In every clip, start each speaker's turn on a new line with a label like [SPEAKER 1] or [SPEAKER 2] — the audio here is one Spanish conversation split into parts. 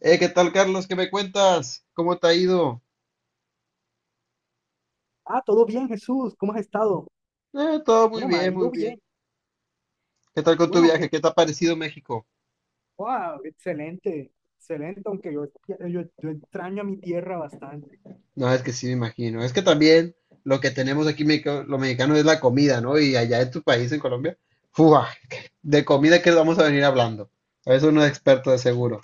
[SPEAKER 1] ¿Qué tal, Carlos? ¿Qué me cuentas? ¿Cómo te ha ido?
[SPEAKER 2] Ah, todo bien, Jesús, ¿cómo has estado?
[SPEAKER 1] Todo muy
[SPEAKER 2] Bueno, me ha
[SPEAKER 1] bien, muy
[SPEAKER 2] ido
[SPEAKER 1] bien.
[SPEAKER 2] bien.
[SPEAKER 1] ¿Qué tal con tu
[SPEAKER 2] Bueno, qué,
[SPEAKER 1] viaje? ¿Qué te ha parecido México?
[SPEAKER 2] wow, excelente, excelente, aunque yo extraño a mi tierra bastante.
[SPEAKER 1] No, es que sí me imagino. Es que también lo que tenemos aquí lo mexicano es la comida, ¿no? Y allá en tu país, en Colombia, ¡fua! De comida que vamos a venir hablando. Eso no es experto de seguro.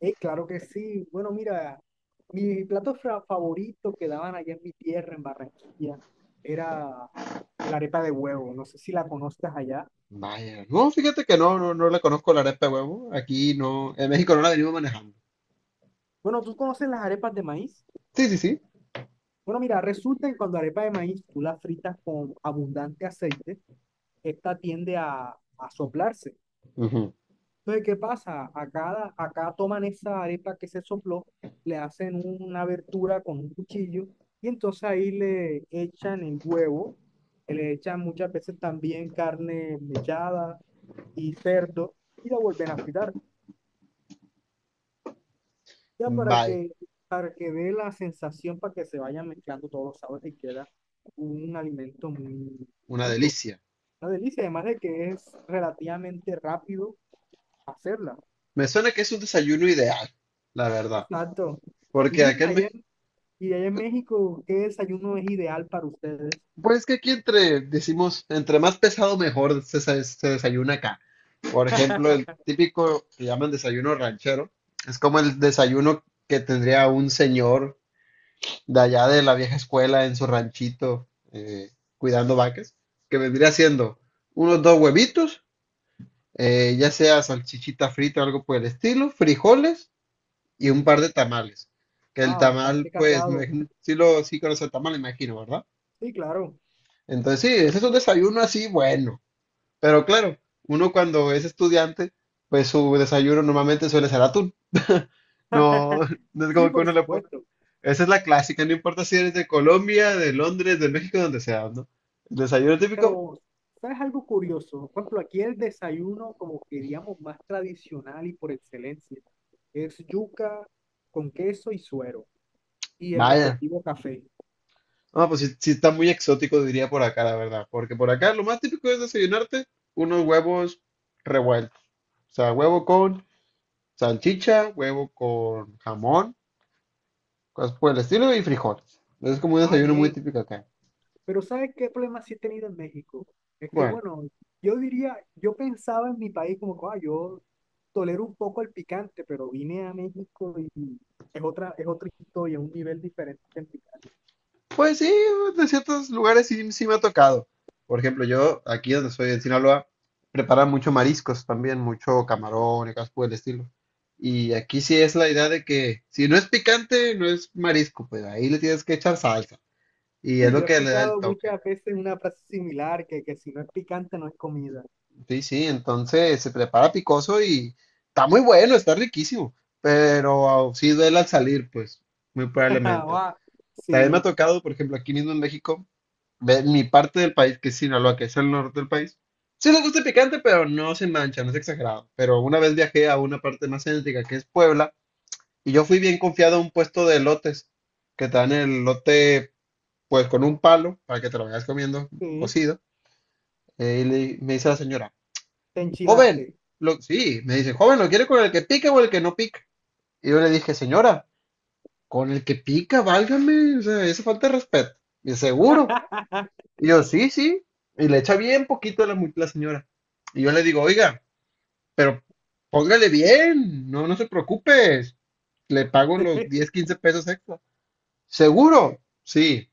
[SPEAKER 2] Claro que sí. Bueno, mira, mi favorito que daban allá en mi tierra, en Barranquilla, era el arepa de huevo. No sé si la conozcas allá.
[SPEAKER 1] Vaya, no, fíjate que no, no, no le conozco la arepa de huevo. Aquí no, en México no la venimos manejando.
[SPEAKER 2] Bueno, ¿tú conoces las arepas de maíz?
[SPEAKER 1] Sí, sí, sí.
[SPEAKER 2] Bueno, mira, resulta que cuando arepa de maíz tú la fritas con abundante aceite, esta tiende a soplarse.
[SPEAKER 1] Ujú.
[SPEAKER 2] Entonces, ¿qué pasa? Acá toman esa arepa que se sopló, le hacen una abertura con un cuchillo y entonces ahí le echan el huevo, que le echan muchas veces también carne mechada y cerdo y la vuelven a fritar, ya
[SPEAKER 1] Vaya,
[SPEAKER 2] para que dé la sensación, para que se vayan mezclando todos los sabores y queda un alimento muy
[SPEAKER 1] una
[SPEAKER 2] rico.
[SPEAKER 1] delicia.
[SPEAKER 2] Una delicia, además de que es relativamente rápido hacerla.
[SPEAKER 1] Me suena que es un desayuno ideal, la verdad.
[SPEAKER 2] Exacto. Y
[SPEAKER 1] Porque acá en
[SPEAKER 2] dime,
[SPEAKER 1] México,
[SPEAKER 2] y allá en México, ¿qué desayuno es ideal para ustedes?
[SPEAKER 1] pues es que aquí entre, decimos, entre más pesado mejor se desayuna acá. Por ejemplo, el típico que llaman desayuno ranchero, es como el desayuno que tendría un señor de allá de la vieja escuela en su ranchito, cuidando vacas, que vendría siendo unos dos huevitos, ya sea salchichita frita o algo por el estilo, frijoles y un par de tamales. Que el
[SPEAKER 2] Ah,
[SPEAKER 1] tamal,
[SPEAKER 2] bastante
[SPEAKER 1] pues, me
[SPEAKER 2] cargado.
[SPEAKER 1] imagino- sí lo, sí conoce el tamal, imagino, ¿verdad?
[SPEAKER 2] Sí, claro.
[SPEAKER 1] Entonces, sí, ese es un desayuno así bueno. Pero claro, uno cuando es estudiante, pues su desayuno normalmente suele ser atún. No, no es
[SPEAKER 2] Sí,
[SPEAKER 1] como que
[SPEAKER 2] por
[SPEAKER 1] uno le pone.
[SPEAKER 2] supuesto.
[SPEAKER 1] Esa es la clásica, no importa si eres de Colombia, de Londres, de México, donde sea, ¿no? El desayuno típico,
[SPEAKER 2] Pero, ¿sabes algo curioso? Por ejemplo, aquí el desayuno, como que digamos, más tradicional y por excelencia, es yuca con queso y suero y el
[SPEAKER 1] vaya.
[SPEAKER 2] respectivo café.
[SPEAKER 1] No, pues sí, sí está muy exótico, diría por acá, la verdad. Porque por acá lo más típico es desayunarte unos huevos revueltos. O sea, huevo con salchicha, huevo con jamón, cosas por el estilo y frijoles. Es como un
[SPEAKER 2] Ah,
[SPEAKER 1] desayuno muy
[SPEAKER 2] bien.
[SPEAKER 1] típico acá.
[SPEAKER 2] Pero, ¿sabes qué problema sí he tenido en México? Es que,
[SPEAKER 1] Bueno,
[SPEAKER 2] bueno, yo diría, yo pensaba en mi país como, que, ah, yo tolero un poco el picante, pero vine a México y es otra historia, un nivel diferente en picante.
[SPEAKER 1] pues sí, de ciertos lugares sí, sí me ha tocado. Por ejemplo, yo aquí donde soy en Sinaloa, preparan mucho mariscos también, mucho camarón y cosas por el estilo. Y aquí sí es la idea de que si no es picante, no es marisco, pues ahí le tienes que echar salsa. Y es
[SPEAKER 2] Sí,
[SPEAKER 1] lo
[SPEAKER 2] yo he
[SPEAKER 1] que le da el
[SPEAKER 2] escuchado
[SPEAKER 1] toque.
[SPEAKER 2] muchas veces una frase similar, que si no es picante no es comida.
[SPEAKER 1] Sí, sí, entonces se prepara picoso y está muy bueno, está riquísimo. Pero sí duele al salir, pues, muy probablemente.
[SPEAKER 2] Ah,
[SPEAKER 1] También me ha
[SPEAKER 2] sí,
[SPEAKER 1] tocado, por ejemplo, aquí mismo en México, de mi parte del país, que es Sinaloa, que es el norte del país. Sí me gusta el picante, pero no se mancha, no es exagerado. Pero una vez viajé a una parte más céntrica, que es Puebla, y yo fui bien confiado a un puesto de elotes, que te dan el elote, pues, con un palo, para que te lo vayas comiendo
[SPEAKER 2] sí,
[SPEAKER 1] cocido. Y me dice la señora,
[SPEAKER 2] te
[SPEAKER 1] joven,
[SPEAKER 2] enchilaste.
[SPEAKER 1] sí, me dice, joven, ¿lo quiere con el que pica o el que no pica? Y yo le dije, señora, con el que pica, válgame, o sea, esa falta de respeto. Y seguro. Y yo, sí, sí. Y le echa bien poquito a la señora. Y yo le digo, oiga, pero póngale bien, no, no se preocupe, le pago los 10 15 pesos extra. ¿Seguro? Sí,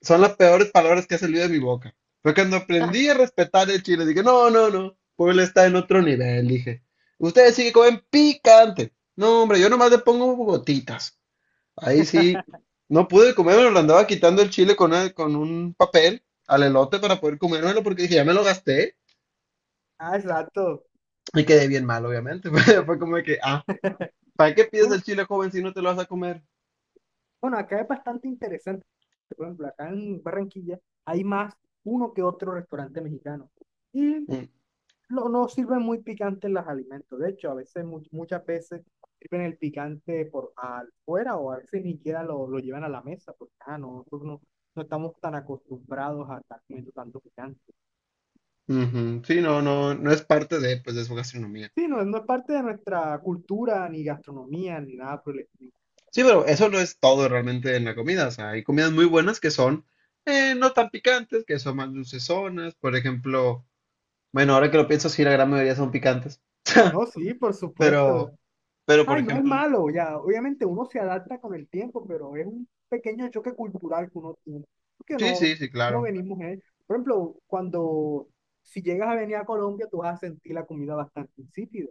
[SPEAKER 1] son las peores palabras que ha salido de mi boca. Fue cuando aprendí a respetar el chile, dije, no, no, no, Puebla está en otro nivel, dije. Ustedes sí que comen picante. No, hombre, yo nomás le pongo gotitas. Ahí sí, no pude comérmelo, le andaba quitando el chile con, con un papel al elote para poder comérmelo porque dije, ya me lo gasté
[SPEAKER 2] Ah, exacto.
[SPEAKER 1] y quedé bien mal, obviamente. Fue como de que, ah, ¿para qué pides
[SPEAKER 2] Bueno,
[SPEAKER 1] el chile joven si no te lo vas a comer?
[SPEAKER 2] bueno, acá es bastante interesante. Por ejemplo, acá en Barranquilla hay más uno que otro restaurante mexicano. Y
[SPEAKER 1] Mm,
[SPEAKER 2] no, no sirven muy picantes los alimentos. De hecho, a veces, muchas veces sirven el picante por afuera o a veces ni siquiera lo llevan a la mesa porque ah, no, nosotros no, no estamos tan acostumbrados a estar comiendo tanto picante.
[SPEAKER 1] ujú. Sí, no, no, no es parte de, pues, de su gastronomía.
[SPEAKER 2] Sí, no, no es parte de nuestra cultura, ni gastronomía, ni nada por el estilo.
[SPEAKER 1] Sí, pero eso no es todo realmente en la comida. O sea, hay comidas muy buenas que son, no tan picantes, que son más dulcezonas. Por ejemplo, bueno, ahora que lo pienso, sí, la gran mayoría son picantes.
[SPEAKER 2] No, sí, por supuesto.
[SPEAKER 1] Pero, pero, por
[SPEAKER 2] Ay, no es
[SPEAKER 1] ejemplo,
[SPEAKER 2] malo, ya. Obviamente uno se adapta con el tiempo, pero es un pequeño choque cultural que uno tiene, porque
[SPEAKER 1] sí,
[SPEAKER 2] no,
[SPEAKER 1] sí, sí,
[SPEAKER 2] no
[SPEAKER 1] claro.
[SPEAKER 2] venimos en, por ejemplo, cuando, si llegas a venir a Colombia, tú vas a sentir la comida bastante insípida.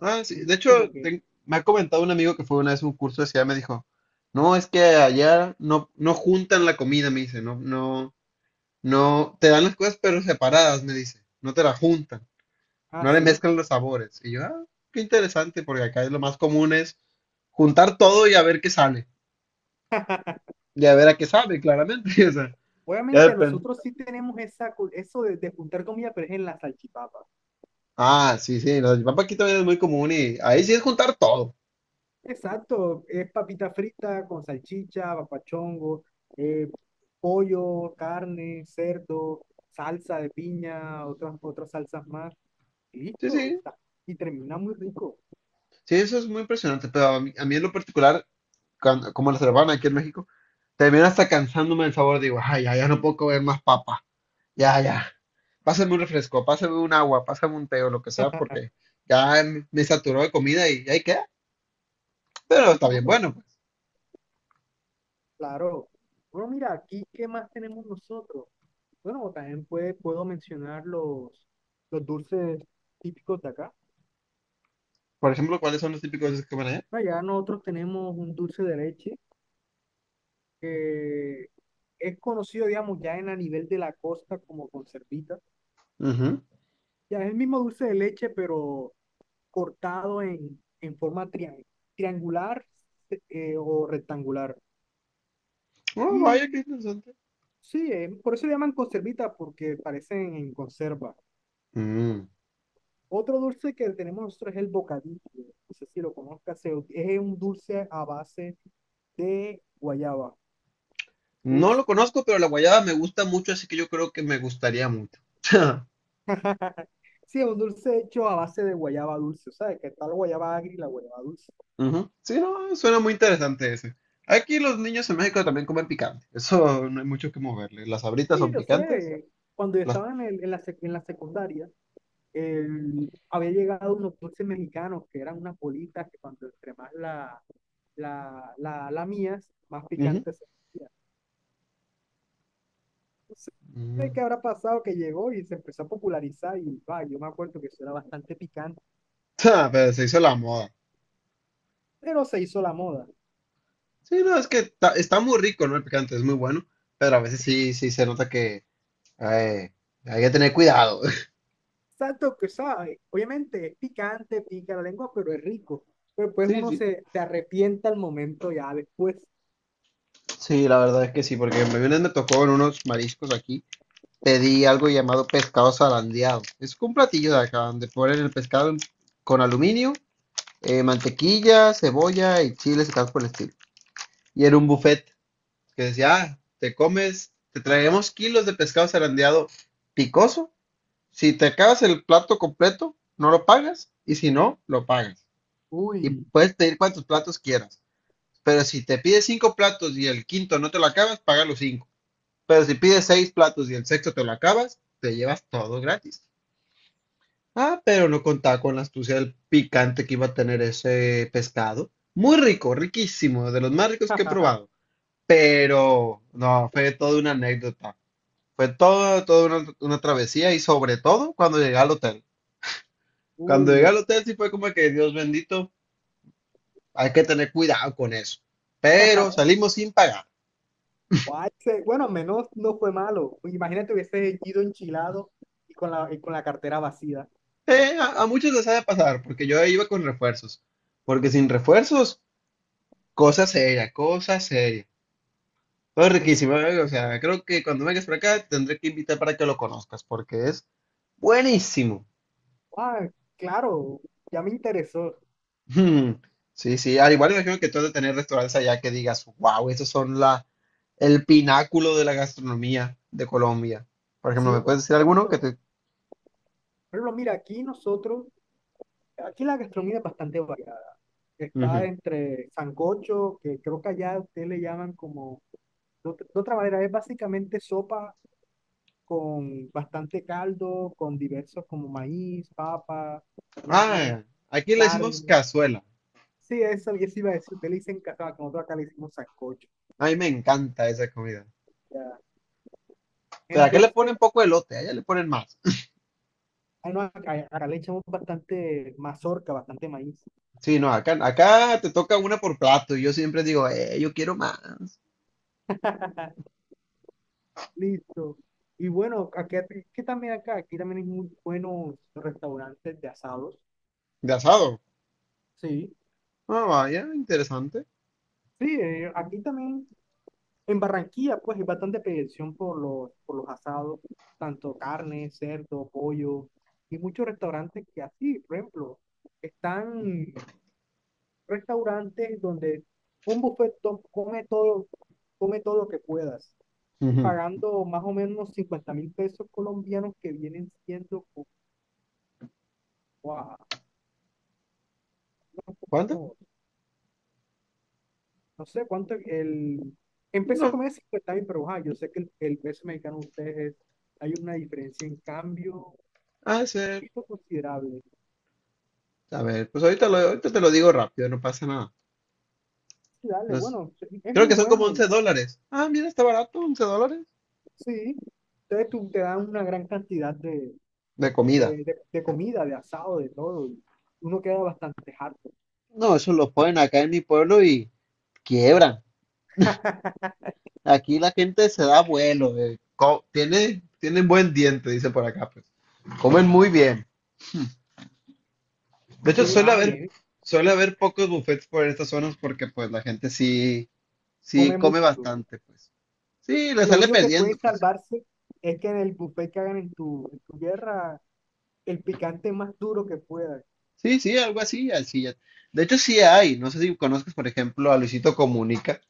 [SPEAKER 1] Ah,
[SPEAKER 2] Tú
[SPEAKER 1] sí. De
[SPEAKER 2] dirás
[SPEAKER 1] hecho,
[SPEAKER 2] como que,
[SPEAKER 1] me ha comentado un amigo que fue una vez a un curso de ciudad, me dijo, no, es que allá no, no juntan la comida, me dice, no, no, no, te dan las cosas pero separadas, me dice, no te la juntan,
[SPEAKER 2] ah,
[SPEAKER 1] no le
[SPEAKER 2] sí.
[SPEAKER 1] mezclan los sabores. Y yo, ah, qué interesante, porque acá es lo más común es juntar todo y a ver qué sale, y a ver a qué sabe, claramente, o sea, ya
[SPEAKER 2] Obviamente
[SPEAKER 1] depende.
[SPEAKER 2] nosotros sí tenemos esa, eso de juntar comida, pero es en la salchipapa.
[SPEAKER 1] Ah, sí, sí, la salchipapa aquí también es muy común y ahí sí es juntar todo.
[SPEAKER 2] Exacto, es papita frita con salchicha, papachongo, eh, pollo, carne, cerdo, salsa de piña, otras salsas más.
[SPEAKER 1] Sí,
[SPEAKER 2] Listo,
[SPEAKER 1] sí,
[SPEAKER 2] y termina muy rico.
[SPEAKER 1] sí, eso es muy impresionante, pero a mí, en lo particular como la cervaban aquí en México, termina hasta cansándome el sabor. Digo, ay, ya, ya no puedo comer más papa. Ya, ya. Pásame un refresco, pásame un agua, pásame un té o lo que sea, porque ya me saturó de comida y ahí queda. Pero
[SPEAKER 2] Sí,
[SPEAKER 1] está bien,
[SPEAKER 2] claro,
[SPEAKER 1] bueno, pues.
[SPEAKER 2] claro. Bueno, mira, aquí, ¿qué más tenemos nosotros? Bueno, también puedo mencionar los dulces típicos de acá.
[SPEAKER 1] Por ejemplo, ¿cuáles son los típicos que comen allá?
[SPEAKER 2] Allá nosotros tenemos un dulce de leche que es conocido, digamos, ya en a nivel de la costa como conservita.
[SPEAKER 1] Ujú.
[SPEAKER 2] Ya es el mismo dulce de leche, pero cortado en triangular, o rectangular.
[SPEAKER 1] Oh, vaya,
[SPEAKER 2] Y
[SPEAKER 1] qué interesante.
[SPEAKER 2] sí, por eso le llaman conservita, porque parecen en conserva.
[SPEAKER 1] Mm.
[SPEAKER 2] Otro dulce que tenemos nosotros es el bocadillo. No sé si lo conozcas, es un dulce a base de guayaba
[SPEAKER 1] No
[SPEAKER 2] dulce.
[SPEAKER 1] lo conozco, pero la guayaba me gusta mucho, así que yo creo que me gustaría mucho.
[SPEAKER 2] Sí, es un dulce hecho a base de guayaba dulce, ¿sabes? Que está la guayaba agria y la guayaba dulce.
[SPEAKER 1] Ujú. Sí, no, suena muy interesante ese. Aquí los niños en México también comen picante. Eso no hay mucho que moverle. Las sabritas
[SPEAKER 2] Sí,
[SPEAKER 1] son
[SPEAKER 2] yo sé,
[SPEAKER 1] picantes.
[SPEAKER 2] eh, cuando yo
[SPEAKER 1] Las...
[SPEAKER 2] estaba en, en la, en la secundaria, el- había llegado unos dulces mexicanos que eran unas bolitas que cuando entre más la mías, más
[SPEAKER 1] Ujú,
[SPEAKER 2] picantes. No
[SPEAKER 1] ujú.
[SPEAKER 2] sé qué habrá pasado que llegó y se empezó a popularizar y va, yo me acuerdo que eso era bastante picante,
[SPEAKER 1] Ah, pero se hizo la moda.
[SPEAKER 2] pero se hizo la moda.
[SPEAKER 1] Sí, no, es que está muy rico, ¿no? El picante es muy bueno. Pero a veces sí se nota que eh, hay que tener cuidado.
[SPEAKER 2] Exacto, que sabe, obviamente es picante, pica la lengua, pero es rico. Pero pues
[SPEAKER 1] Sí,
[SPEAKER 2] uno
[SPEAKER 1] sí.
[SPEAKER 2] se arrepienta al momento ya después.
[SPEAKER 1] Sí, la verdad es que sí, porque me tocó en unos mariscos aquí. Pedí algo llamado pescado zarandeado. Es un platillo de acá donde ponen el pescado con aluminio, mantequilla, cebolla y chiles y tal por el estilo. Y era un buffet que decía, ah, te comes, te traemos kilos de pescado zarandeado picoso. Si te acabas el plato completo, no lo pagas. Y si no, lo pagas. Y
[SPEAKER 2] Uy.
[SPEAKER 1] puedes pedir cuantos platos quieras. Pero si te pides cinco platos y el quinto no te lo acabas, paga los cinco. Pero si pides seis platos y el sexto te lo acabas, te llevas todo gratis. Ah, pero no contaba con la astucia del picante que iba a tener ese pescado. Muy rico, riquísimo, de los más ricos que he probado. Pero no, fue toda una anécdota. Fue todo, toda una travesía y sobre todo cuando llegué al hotel. Cuando llegué
[SPEAKER 2] Uy.
[SPEAKER 1] al hotel sí fue como que Dios bendito, hay que tener cuidado con eso. Pero salimos sin pagar.
[SPEAKER 2] Guay, se- Bueno, al menos no fue malo. Imagínate hubiese ido enchilado y con la cartera vacía.
[SPEAKER 1] A muchos les ha de pasar, porque yo iba con refuerzos. Porque sin refuerzos, cosa seria, cosa seria. Todo
[SPEAKER 2] Es-
[SPEAKER 1] riquísimo, ¿eh? O sea, creo que cuando vengas para acá te tendré que invitar para que lo conozcas, porque es buenísimo.
[SPEAKER 2] Ah, claro, ya me interesó.
[SPEAKER 1] Mm. Sí, sí, al igual imagino que tú has de tener restaurantes allá que digas, wow, estos son el pináculo de la gastronomía de Colombia. Por ejemplo,
[SPEAKER 2] Sí,
[SPEAKER 1] ¿me
[SPEAKER 2] por
[SPEAKER 1] puedes decir alguno que
[SPEAKER 2] supuesto.
[SPEAKER 1] te...
[SPEAKER 2] Pero mira, aquí nosotros, aquí la gastronomía es bastante variada. Está
[SPEAKER 1] Ujú.
[SPEAKER 2] entre sancocho, que creo que allá ustedes le llaman como, de otra manera, es básicamente sopa con bastante caldo, con diversos como maíz, papa, ñame,
[SPEAKER 1] Ah, aquí le decimos
[SPEAKER 2] carne.
[SPEAKER 1] cazuela.
[SPEAKER 2] Sí, eso iba a decir, ustedes le dicen cazaba, que nosotros acá le decimos sancocho.
[SPEAKER 1] A mí me encanta esa comida.
[SPEAKER 2] Ya.
[SPEAKER 1] Pero acá le ponen
[SPEAKER 2] Entonces,
[SPEAKER 1] poco elote, allá le ponen más.
[SPEAKER 2] ah, no, acá le echamos bastante mazorca, bastante maíz.
[SPEAKER 1] Sí, no, acá te toca una por plato y yo siempre digo, yo quiero más.
[SPEAKER 2] Listo. Y bueno, aquí, que también acá, aquí también hay muy buenos restaurantes de asados.
[SPEAKER 1] De asado.
[SPEAKER 2] Sí,
[SPEAKER 1] Ah, vaya, interesante.
[SPEAKER 2] sí, aquí también en Barranquilla pues hay bastante petición por por los asados, tanto carne, cerdo, pollo, y muchos restaurantes que así, por ejemplo, están restaurantes donde un come todo lo que puedas,
[SPEAKER 1] Ujú.
[SPEAKER 2] pagando más o menos 50.000 pesos colombianos que vienen siendo, wow,
[SPEAKER 1] ¿Cuánto?
[SPEAKER 2] no sé cuánto el... Empezó a
[SPEAKER 1] No,
[SPEAKER 2] comer 50 mil, pero ajá, yo sé que el peso mexicano de ustedes es- hay una diferencia en cambio
[SPEAKER 1] ha de ser.
[SPEAKER 2] esto considerable.
[SPEAKER 1] A ver, pues ahorita, ahorita te lo digo rápido, no pasa nada.
[SPEAKER 2] Sí, dale,
[SPEAKER 1] No es-
[SPEAKER 2] bueno, sí, es
[SPEAKER 1] Creo
[SPEAKER 2] muy
[SPEAKER 1] que son como
[SPEAKER 2] bueno
[SPEAKER 1] 11
[SPEAKER 2] y
[SPEAKER 1] dólares. Ah, mira, está barato, $11.
[SPEAKER 2] sí. Entonces tú te dan una gran cantidad
[SPEAKER 1] De comida.
[SPEAKER 2] de comida, de asado, de todo, y uno queda bastante harto.
[SPEAKER 1] No, eso lo ponen acá en mi pueblo y quiebran. Aquí la gente se da vuelo. Tienen buen diente, dice por acá, pues. Comen muy bien. De hecho,
[SPEAKER 2] Sí,
[SPEAKER 1] suele
[SPEAKER 2] ah,
[SPEAKER 1] haber,
[SPEAKER 2] bien,
[SPEAKER 1] suele haber pocos buffets por estas zonas porque pues la gente sí, sí
[SPEAKER 2] come
[SPEAKER 1] come
[SPEAKER 2] mucho.
[SPEAKER 1] bastante, pues. Sí, le
[SPEAKER 2] Lo
[SPEAKER 1] sale
[SPEAKER 2] único que
[SPEAKER 1] perdiendo,
[SPEAKER 2] puede
[SPEAKER 1] pues.
[SPEAKER 2] salvarse es que en el buffet que hagan en tu tierra, el picante más duro que pueda.
[SPEAKER 1] Sí, sí, algo así, así ya. De hecho, sí hay. No sé si conozcas, por ejemplo, a Luisito Comunica.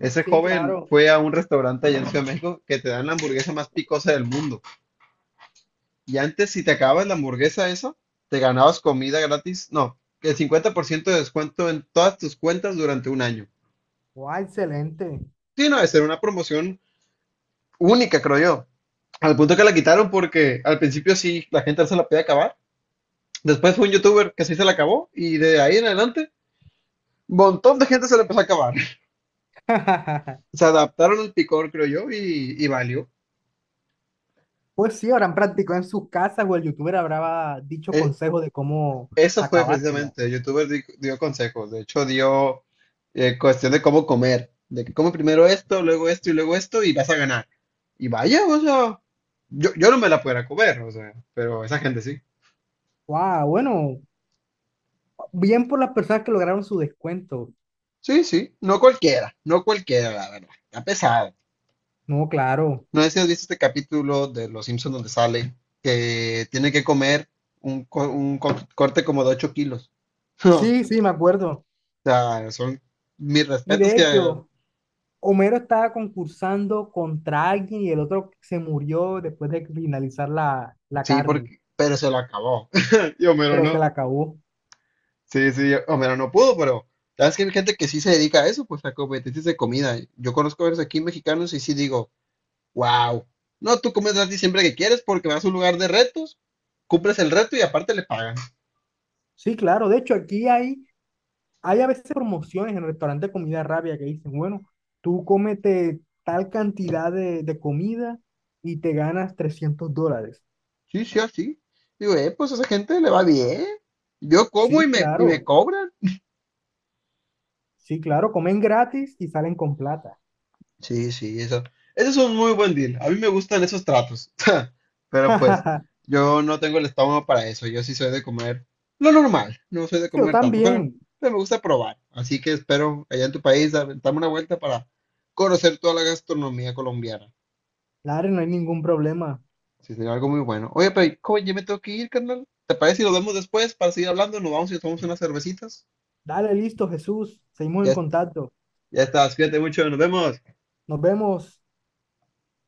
[SPEAKER 1] Ese
[SPEAKER 2] Sí,
[SPEAKER 1] joven
[SPEAKER 2] claro.
[SPEAKER 1] fue a un restaurante allá en Ciudad de México que te dan la hamburguesa más picosa del mundo. Y antes, si te acabas la hamburguesa esa, te ganabas comida gratis. No, el 50% de descuento en todas tus cuentas durante un año.
[SPEAKER 2] Guau, excelente.
[SPEAKER 1] Sí, no, debe ser una promoción única, creo yo. Al punto que la quitaron porque al principio sí la gente no se la podía acabar. Después fue un youtuber que sí se la acabó y de ahí en adelante un montón de gente se la empezó a acabar. Se adaptaron al picor, creo yo, y, valió.
[SPEAKER 2] Pues sí, habrán practicado en sus casas o el youtuber habrá dicho
[SPEAKER 1] Eh,
[SPEAKER 2] consejos de cómo
[SPEAKER 1] eso fue
[SPEAKER 2] acabársela.
[SPEAKER 1] precisamente, el youtuber dio consejos, de hecho dio, cuestión de cómo comer, de que come primero esto, luego esto y vas a ganar. Y vaya, o sea, yo no me la pudiera comer, o sea, pero esa gente sí.
[SPEAKER 2] Wow, bueno, bien por las personas que lograron su descuento.
[SPEAKER 1] Sí, sí, no cualquiera, no cualquiera, la verdad. A pesar,
[SPEAKER 2] No, claro.
[SPEAKER 1] no sé si has visto este capítulo de Los Simpsons donde sale que tiene que comer un corte como de 8 kilos.
[SPEAKER 2] Sí, sí, me acuerdo.
[SPEAKER 1] O sea, son mis
[SPEAKER 2] Y
[SPEAKER 1] respetos
[SPEAKER 2] de
[SPEAKER 1] que
[SPEAKER 2] hecho, Homero estaba concursando contra alguien y el otro se murió después de finalizar la
[SPEAKER 1] sí,
[SPEAKER 2] carne,
[SPEAKER 1] porque, pero se lo acabó. Y Homero
[SPEAKER 2] pero se
[SPEAKER 1] no.
[SPEAKER 2] la acabó.
[SPEAKER 1] Sí, sí, Homero no pudo, pero sabes que hay gente que sí se dedica a eso, pues a competencias de comida. Yo conozco a varios aquí mexicanos y sí digo. Wow. No, tú comes así siempre que quieres porque vas a un lugar de retos, cumples el reto y aparte le pagan.
[SPEAKER 2] Sí, claro. De hecho, aquí hay, hay a veces promociones en restaurantes de comida rápida que dicen, bueno, tú cómete tal cantidad de comida y te ganas 300 dólares.
[SPEAKER 1] Sí, sí, así. Digo, pues a esa gente le va bien. Yo como y
[SPEAKER 2] Sí,
[SPEAKER 1] me
[SPEAKER 2] claro,
[SPEAKER 1] cobran.
[SPEAKER 2] sí, claro, comen gratis y salen con plata.
[SPEAKER 1] Sí, sí, eso. Ese es un muy buen deal. A mí me gustan esos tratos. Pero pues, yo no tengo el estómago para eso. Yo sí soy de comer lo normal. No soy de
[SPEAKER 2] Yo
[SPEAKER 1] comer tanto, pero,
[SPEAKER 2] también.
[SPEAKER 1] pero me gusta probar. Así que espero allá en tu país darme una vuelta para conocer toda la gastronomía colombiana.
[SPEAKER 2] Dale, no hay ningún problema.
[SPEAKER 1] Sí, sería algo muy bueno. Oye, pero ¿cómo? Ya me tengo que ir, carnal. ¿Te parece si nos vemos después para seguir hablando? Nos vamos y tomamos unas cervecitas.
[SPEAKER 2] Dale, listo, Jesús. Seguimos en
[SPEAKER 1] Ya,
[SPEAKER 2] contacto.
[SPEAKER 1] ya estás, cuídate mucho, nos vemos.
[SPEAKER 2] Nos vemos.